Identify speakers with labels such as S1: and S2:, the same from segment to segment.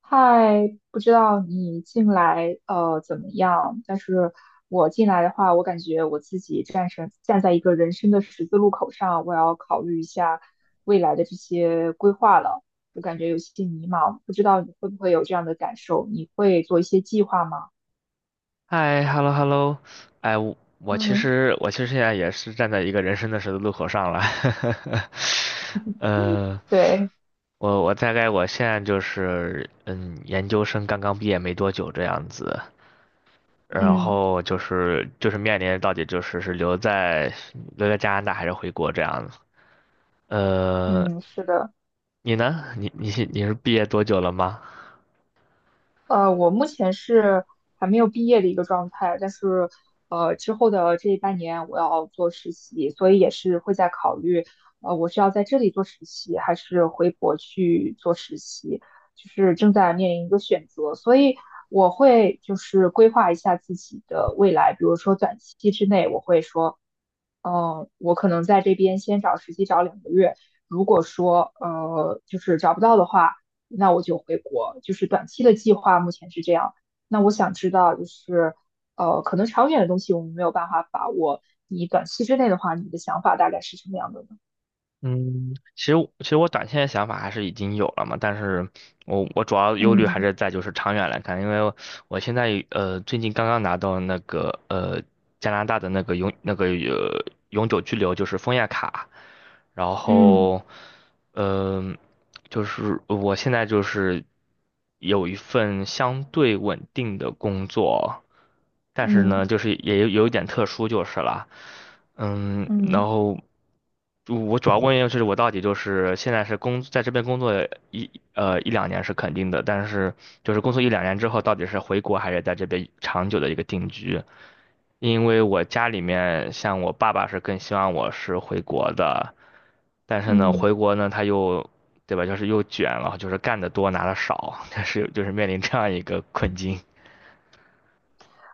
S1: 嗨，不知道你进来怎么样？但是我进来的话，我感觉我自己站在一个人生的十字路口上，我要考虑一下未来的这些规划了。我感觉有些迷茫，不知道你会不会有这样的感受？你会做一些计划吗？
S2: 嗨，hello hello，我我其
S1: 嗯，
S2: 实我其实现在也是站在一个人生的十字路口上了，呃，
S1: 对，
S2: 我我大概我现在就是,研究生刚刚毕业没多久这样子，然
S1: 嗯
S2: 后就是面临到底是留在加拿大还是回国这样子，呃，
S1: 嗯，是的。
S2: 你呢？你是毕业多久了吗？
S1: 我目前是还没有毕业的一个状态，但是之后的这半年我要做实习，所以也是会在考虑，我是要在这里做实习，还是回国去做实习，就是正在面临一个选择，所以我会就是规划一下自己的未来，比如说短期之内，我会说，嗯、我可能在这边先找实习找2个月，如果说就是找不到的话。那我就回国，就是短期的计划目前是这样。那我想知道，就是可能长远的东西我们没有办法把握。你短期之内的话，你的想法大概是什么样的呢？
S2: 嗯，其实我短线的想法还是已经有了嘛，但是我主要忧虑还
S1: 嗯
S2: 是在就是长远来看，因为我现在最近刚刚拿到那个加拿大的那个永久居留就是枫叶卡，然
S1: 嗯
S2: 后，嗯、就是我现在就是有一份相对稳定的工作，但是
S1: 嗯
S2: 呢，就是也有一点特殊就是了，嗯，然
S1: 嗯
S2: 后就我主要问的就是我到底就是现在是在这边工作一两年是肯定的，但是就是工作一两年之后到底是回国还是在这边长久的一个定居，因为我家里面像我爸爸是更希望我是回国的，但是呢，
S1: 嗯，
S2: 回国呢他又，对吧，就是又卷了，就是干得多拿的少，但是就是面临这样一个困境。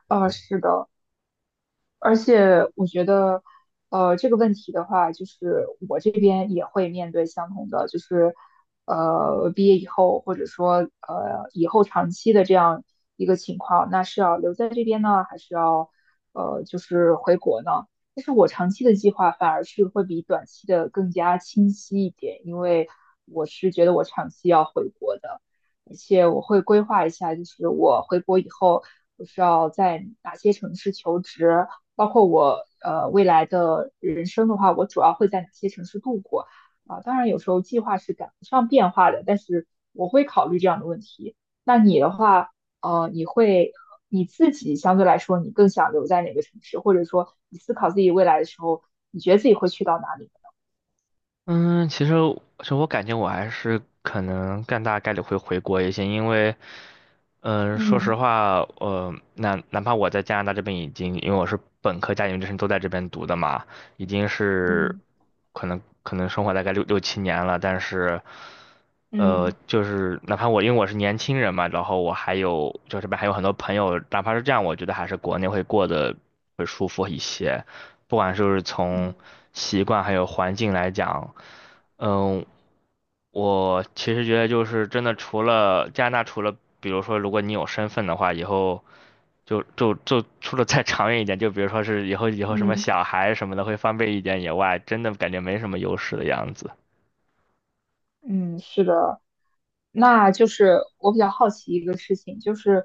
S1: 啊、是的。而且我觉得，这个问题的话，就是我这边也会面对相同的，就是，毕业以后，或者说，以后长期的这样一个情况，那是要留在这边呢，还是要，就是回国呢？但是我长期的计划反而是会比短期的更加清晰一点，因为我是觉得我长期要回国的，而且我会规划一下，就是我回国以后，我是要在哪些城市求职。包括我未来的人生的话，我主要会在哪些城市度过啊？当然有时候计划是赶不上变化的，但是我会考虑这样的问题。那你的话，呃，你会你自己相对来说，你更想留在哪个城市，或者说你思考自己未来的时候，你觉得自己会去到哪里？
S2: 嗯，其实我感觉我还是可能更大概率会回国一些，因为。嗯，说
S1: 嗯
S2: 实话，那哪怕我在加拿大这边已经，因为我是本科加研究生都在这边读的嘛，已经是
S1: 嗯
S2: 可能生活大概六七年了，但是，
S1: 嗯
S2: 就是哪怕我因为我是年轻人嘛，然后我还有就这边还有很多朋友，哪怕是这样，我觉得还是国内会过得会舒服一些，不管就是从
S1: 嗯
S2: 习惯还有环境来讲。嗯，我其实觉得就是真的，除了加拿大，除了比如说，如果你有身份的话，以后就除了再 长远一点，就比如说是以后什么
S1: 嗯，
S2: 小孩什么的会方便一点以外，真的感觉没什么优势的样子。
S1: 嗯，是的，那就是我比较好奇一个事情，就是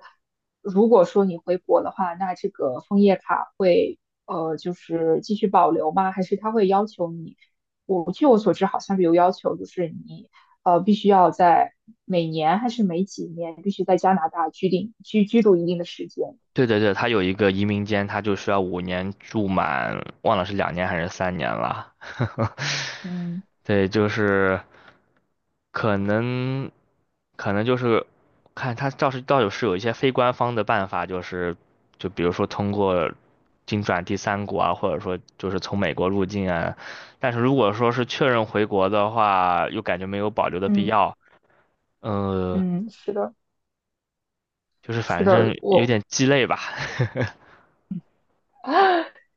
S1: 如果说你回国的话，那这个枫叶卡会就是继续保留吗？还是他会要求你？我据我所知，好像是有要求，就是你必须要在每年还是每几年必须在加拿大定居居住一定的时间。
S2: 对对对，他有一个移民监，他就需要五年住满，忘了是两年还是三年了。
S1: 嗯
S2: 对，就是可能，可能就是看他倒是有一些非官方的办法，就是就比如说通过经转第三国啊，或者说就是从美国入境啊。但是如果说是确认回国的话，又感觉没有保留的必
S1: 嗯
S2: 要，呃，
S1: 嗯，是的，
S2: 就是
S1: 是
S2: 反正
S1: 的，
S2: 有
S1: 我
S2: 点鸡肋吧。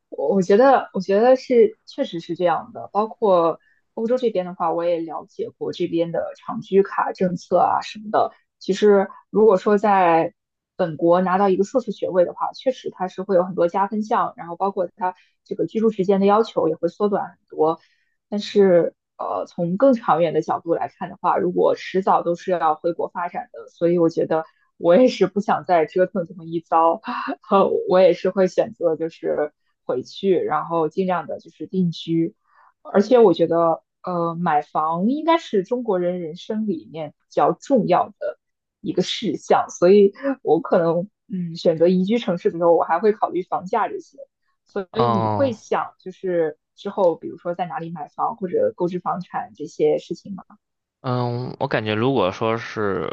S1: 我我觉得，我觉得是，确实是这样的。包括欧洲这边的话，我也了解过这边的长居卡政策啊什么的。其实，如果说在本国拿到一个硕士学位的话，确实它是会有很多加分项，然后包括它这个居住时间的要求也会缩短很多。但是，从更长远的角度来看的话，如果迟早都是要回国发展的，所以我觉得我也是不想再折腾这么一遭，我也是会选择就是回去，然后尽量的就是定居。而且我觉得，买房应该是中国人人生里面比较重要的一个事项，所以我可能，选择宜居城市的时候，我还会考虑房价这些。所以你会
S2: 哦，
S1: 想就是之后比如说在哪里买房或者购置房产这些事情吗？
S2: 嗯，我感觉如果说是，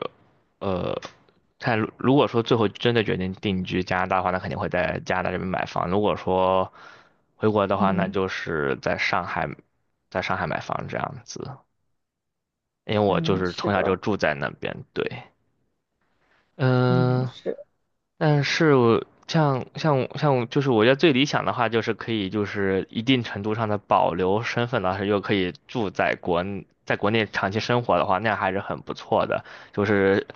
S2: 呃，看如果说最后真的决定定居加拿大的话，那肯定会在加拿大这边买房。如果说回国的话，那
S1: 嗯
S2: 就是在上海，买房这样子。因为我就
S1: 嗯，
S2: 是
S1: 是
S2: 从小就
S1: 的，
S2: 住在那边，对，
S1: 嗯
S2: 嗯，
S1: 是。
S2: 但是我像像像我就是我觉得最理想的话，就是可以就是一定程度上的保留身份，但是又可以住在国内长期生活的话，那样还是很不错的。就是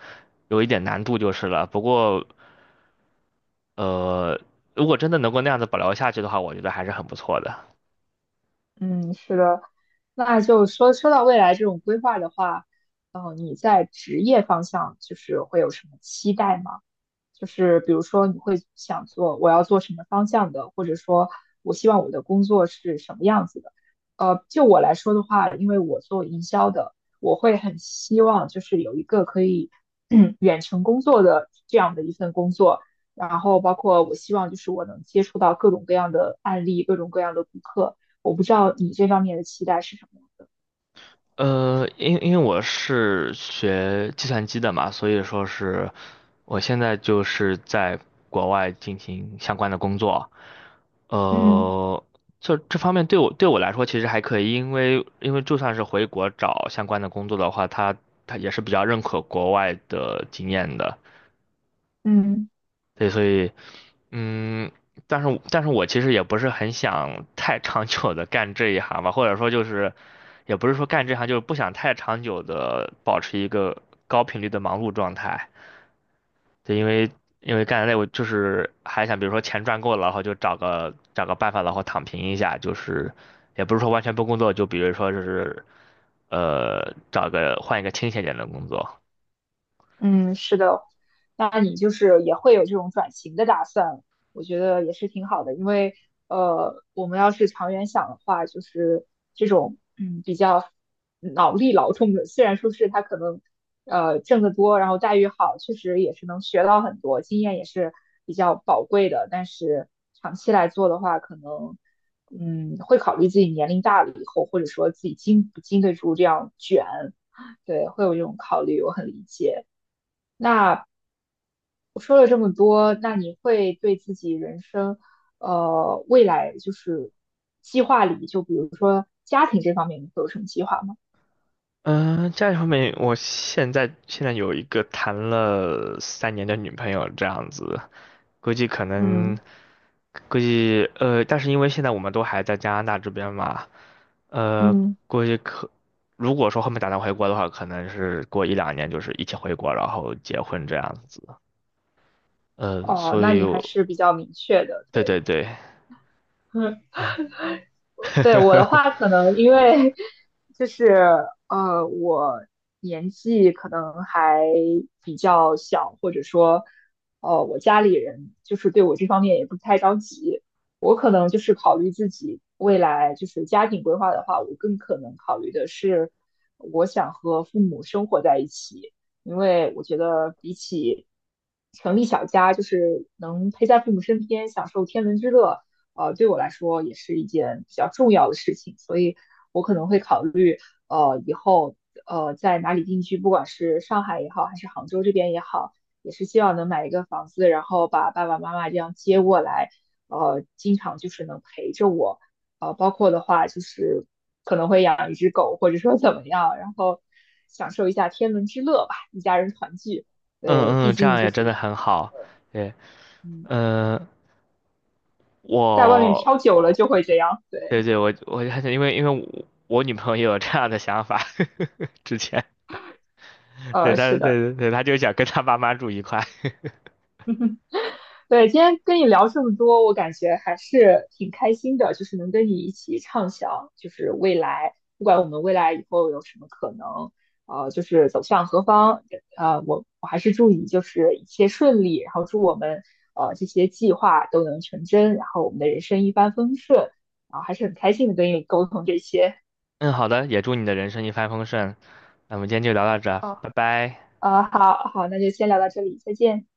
S2: 有一点难度就是了，不过呃，如果真的能够那样子保留下去的话，我觉得还是很不错的。
S1: 嗯，是的，那就说说到未来这种规划的话，你在职业方向就是会有什么期待吗？就是比如说你会想做我要做什么方向的，或者说我希望我的工作是什么样子的？就我来说的话，因为我做营销的，我会很希望就是有一个可以 远程工作的这样的一份工作，然后包括我希望就是我能接触到各种各样的案例，各种各样的顾客。我不知道你这方面的期待是什么样的。
S2: 因为我是学计算机的嘛，所以说是我现在就是在国外进行相关的工作。
S1: 嗯
S2: 呃，这方面对我来说其实还可以，因为就算是回国找相关的工作的话，他也是比较认可国外的经验的，
S1: 嗯。
S2: 对，所以嗯，但是我其实也不是很想太长久的干这一行吧，或者说就是也不是说干这行，就是不想太长久的保持一个高频率的忙碌状态。对，因为干得累，我就是还想，比如说钱赚够了，然后就找个办法，然后躺平一下，就是也不是说完全不工作，就比如说就是换一个清闲点的工作。
S1: 嗯，是的，那你就是也会有这种转型的打算，我觉得也是挺好的，因为我们要是长远想的话，就是这种比较脑力劳动的，虽然说是他可能挣得多，然后待遇好，确实也是能学到很多，经验也是比较宝贵的，但是长期来做的话，可能会考虑自己年龄大了以后，或者说自己经不经得住这样卷，对，会有这种考虑，我很理解。那我说了这么多，那你会对自己人生，未来就是计划里，就比如说家庭这方面，你会有什么计划吗？
S2: 嗯、家里方面，我现在有一个谈了三年的女朋友，这样子，估计可能
S1: 嗯
S2: 但是因为现在我们都还在加拿大这边嘛，呃，
S1: 嗯。
S2: 估计可，如果说后面打算回国的话，可能是过一两年就是一起回国，然后结婚这样子。
S1: 哦，
S2: 所
S1: 那
S2: 以
S1: 你还
S2: 我，
S1: 是比较明确的，
S2: 对
S1: 对。
S2: 对对，
S1: 对我的 话，可能因为就是我年纪可能还比较小，或者说我家里人就是对我这方面也不太着急。我可能就是考虑自己未来就是家庭规划的话，我更可能考虑的是我想和父母生活在一起。因为我觉得比起成立小家，就是能陪在父母身边，享受天伦之乐，对我来说也是一件比较重要的事情，所以我可能会考虑，以后在哪里定居，不管是上海也好，还是杭州这边也好，也是希望能买一个房子，然后把爸爸妈妈这样接过来，经常就是能陪着我。包括的话就是可能会养一只狗，或者说怎么样，然后享受一下天伦之乐吧，一家人团聚。对，
S2: 嗯
S1: 毕
S2: 嗯，这
S1: 竟
S2: 样
S1: 就
S2: 也真
S1: 是
S2: 的很好。对，
S1: 嗯，
S2: 嗯、呃，
S1: 在外面
S2: 我，
S1: 飘久了就会这样。对，
S2: 对对，我我还想因为我我女朋友也有这样的想法，之前，对，她
S1: 是的。
S2: 她就想跟她爸妈住一块。
S1: 对，今天跟你聊这么多，我感觉还是挺开心的，就是能跟你一起畅想，就是未来，不管我们未来以后有什么可能，就是走向何方，我还是祝你就是一切顺利，然后祝我们这些计划都能成真，然后我们的人生一帆风顺，然后还是很开心的跟你沟通这些。
S2: 嗯，好的，也祝你的人生一帆风顺。那我们今天就聊到这儿
S1: 哦，
S2: 拜拜。
S1: 好好，那就先聊到这里，再见。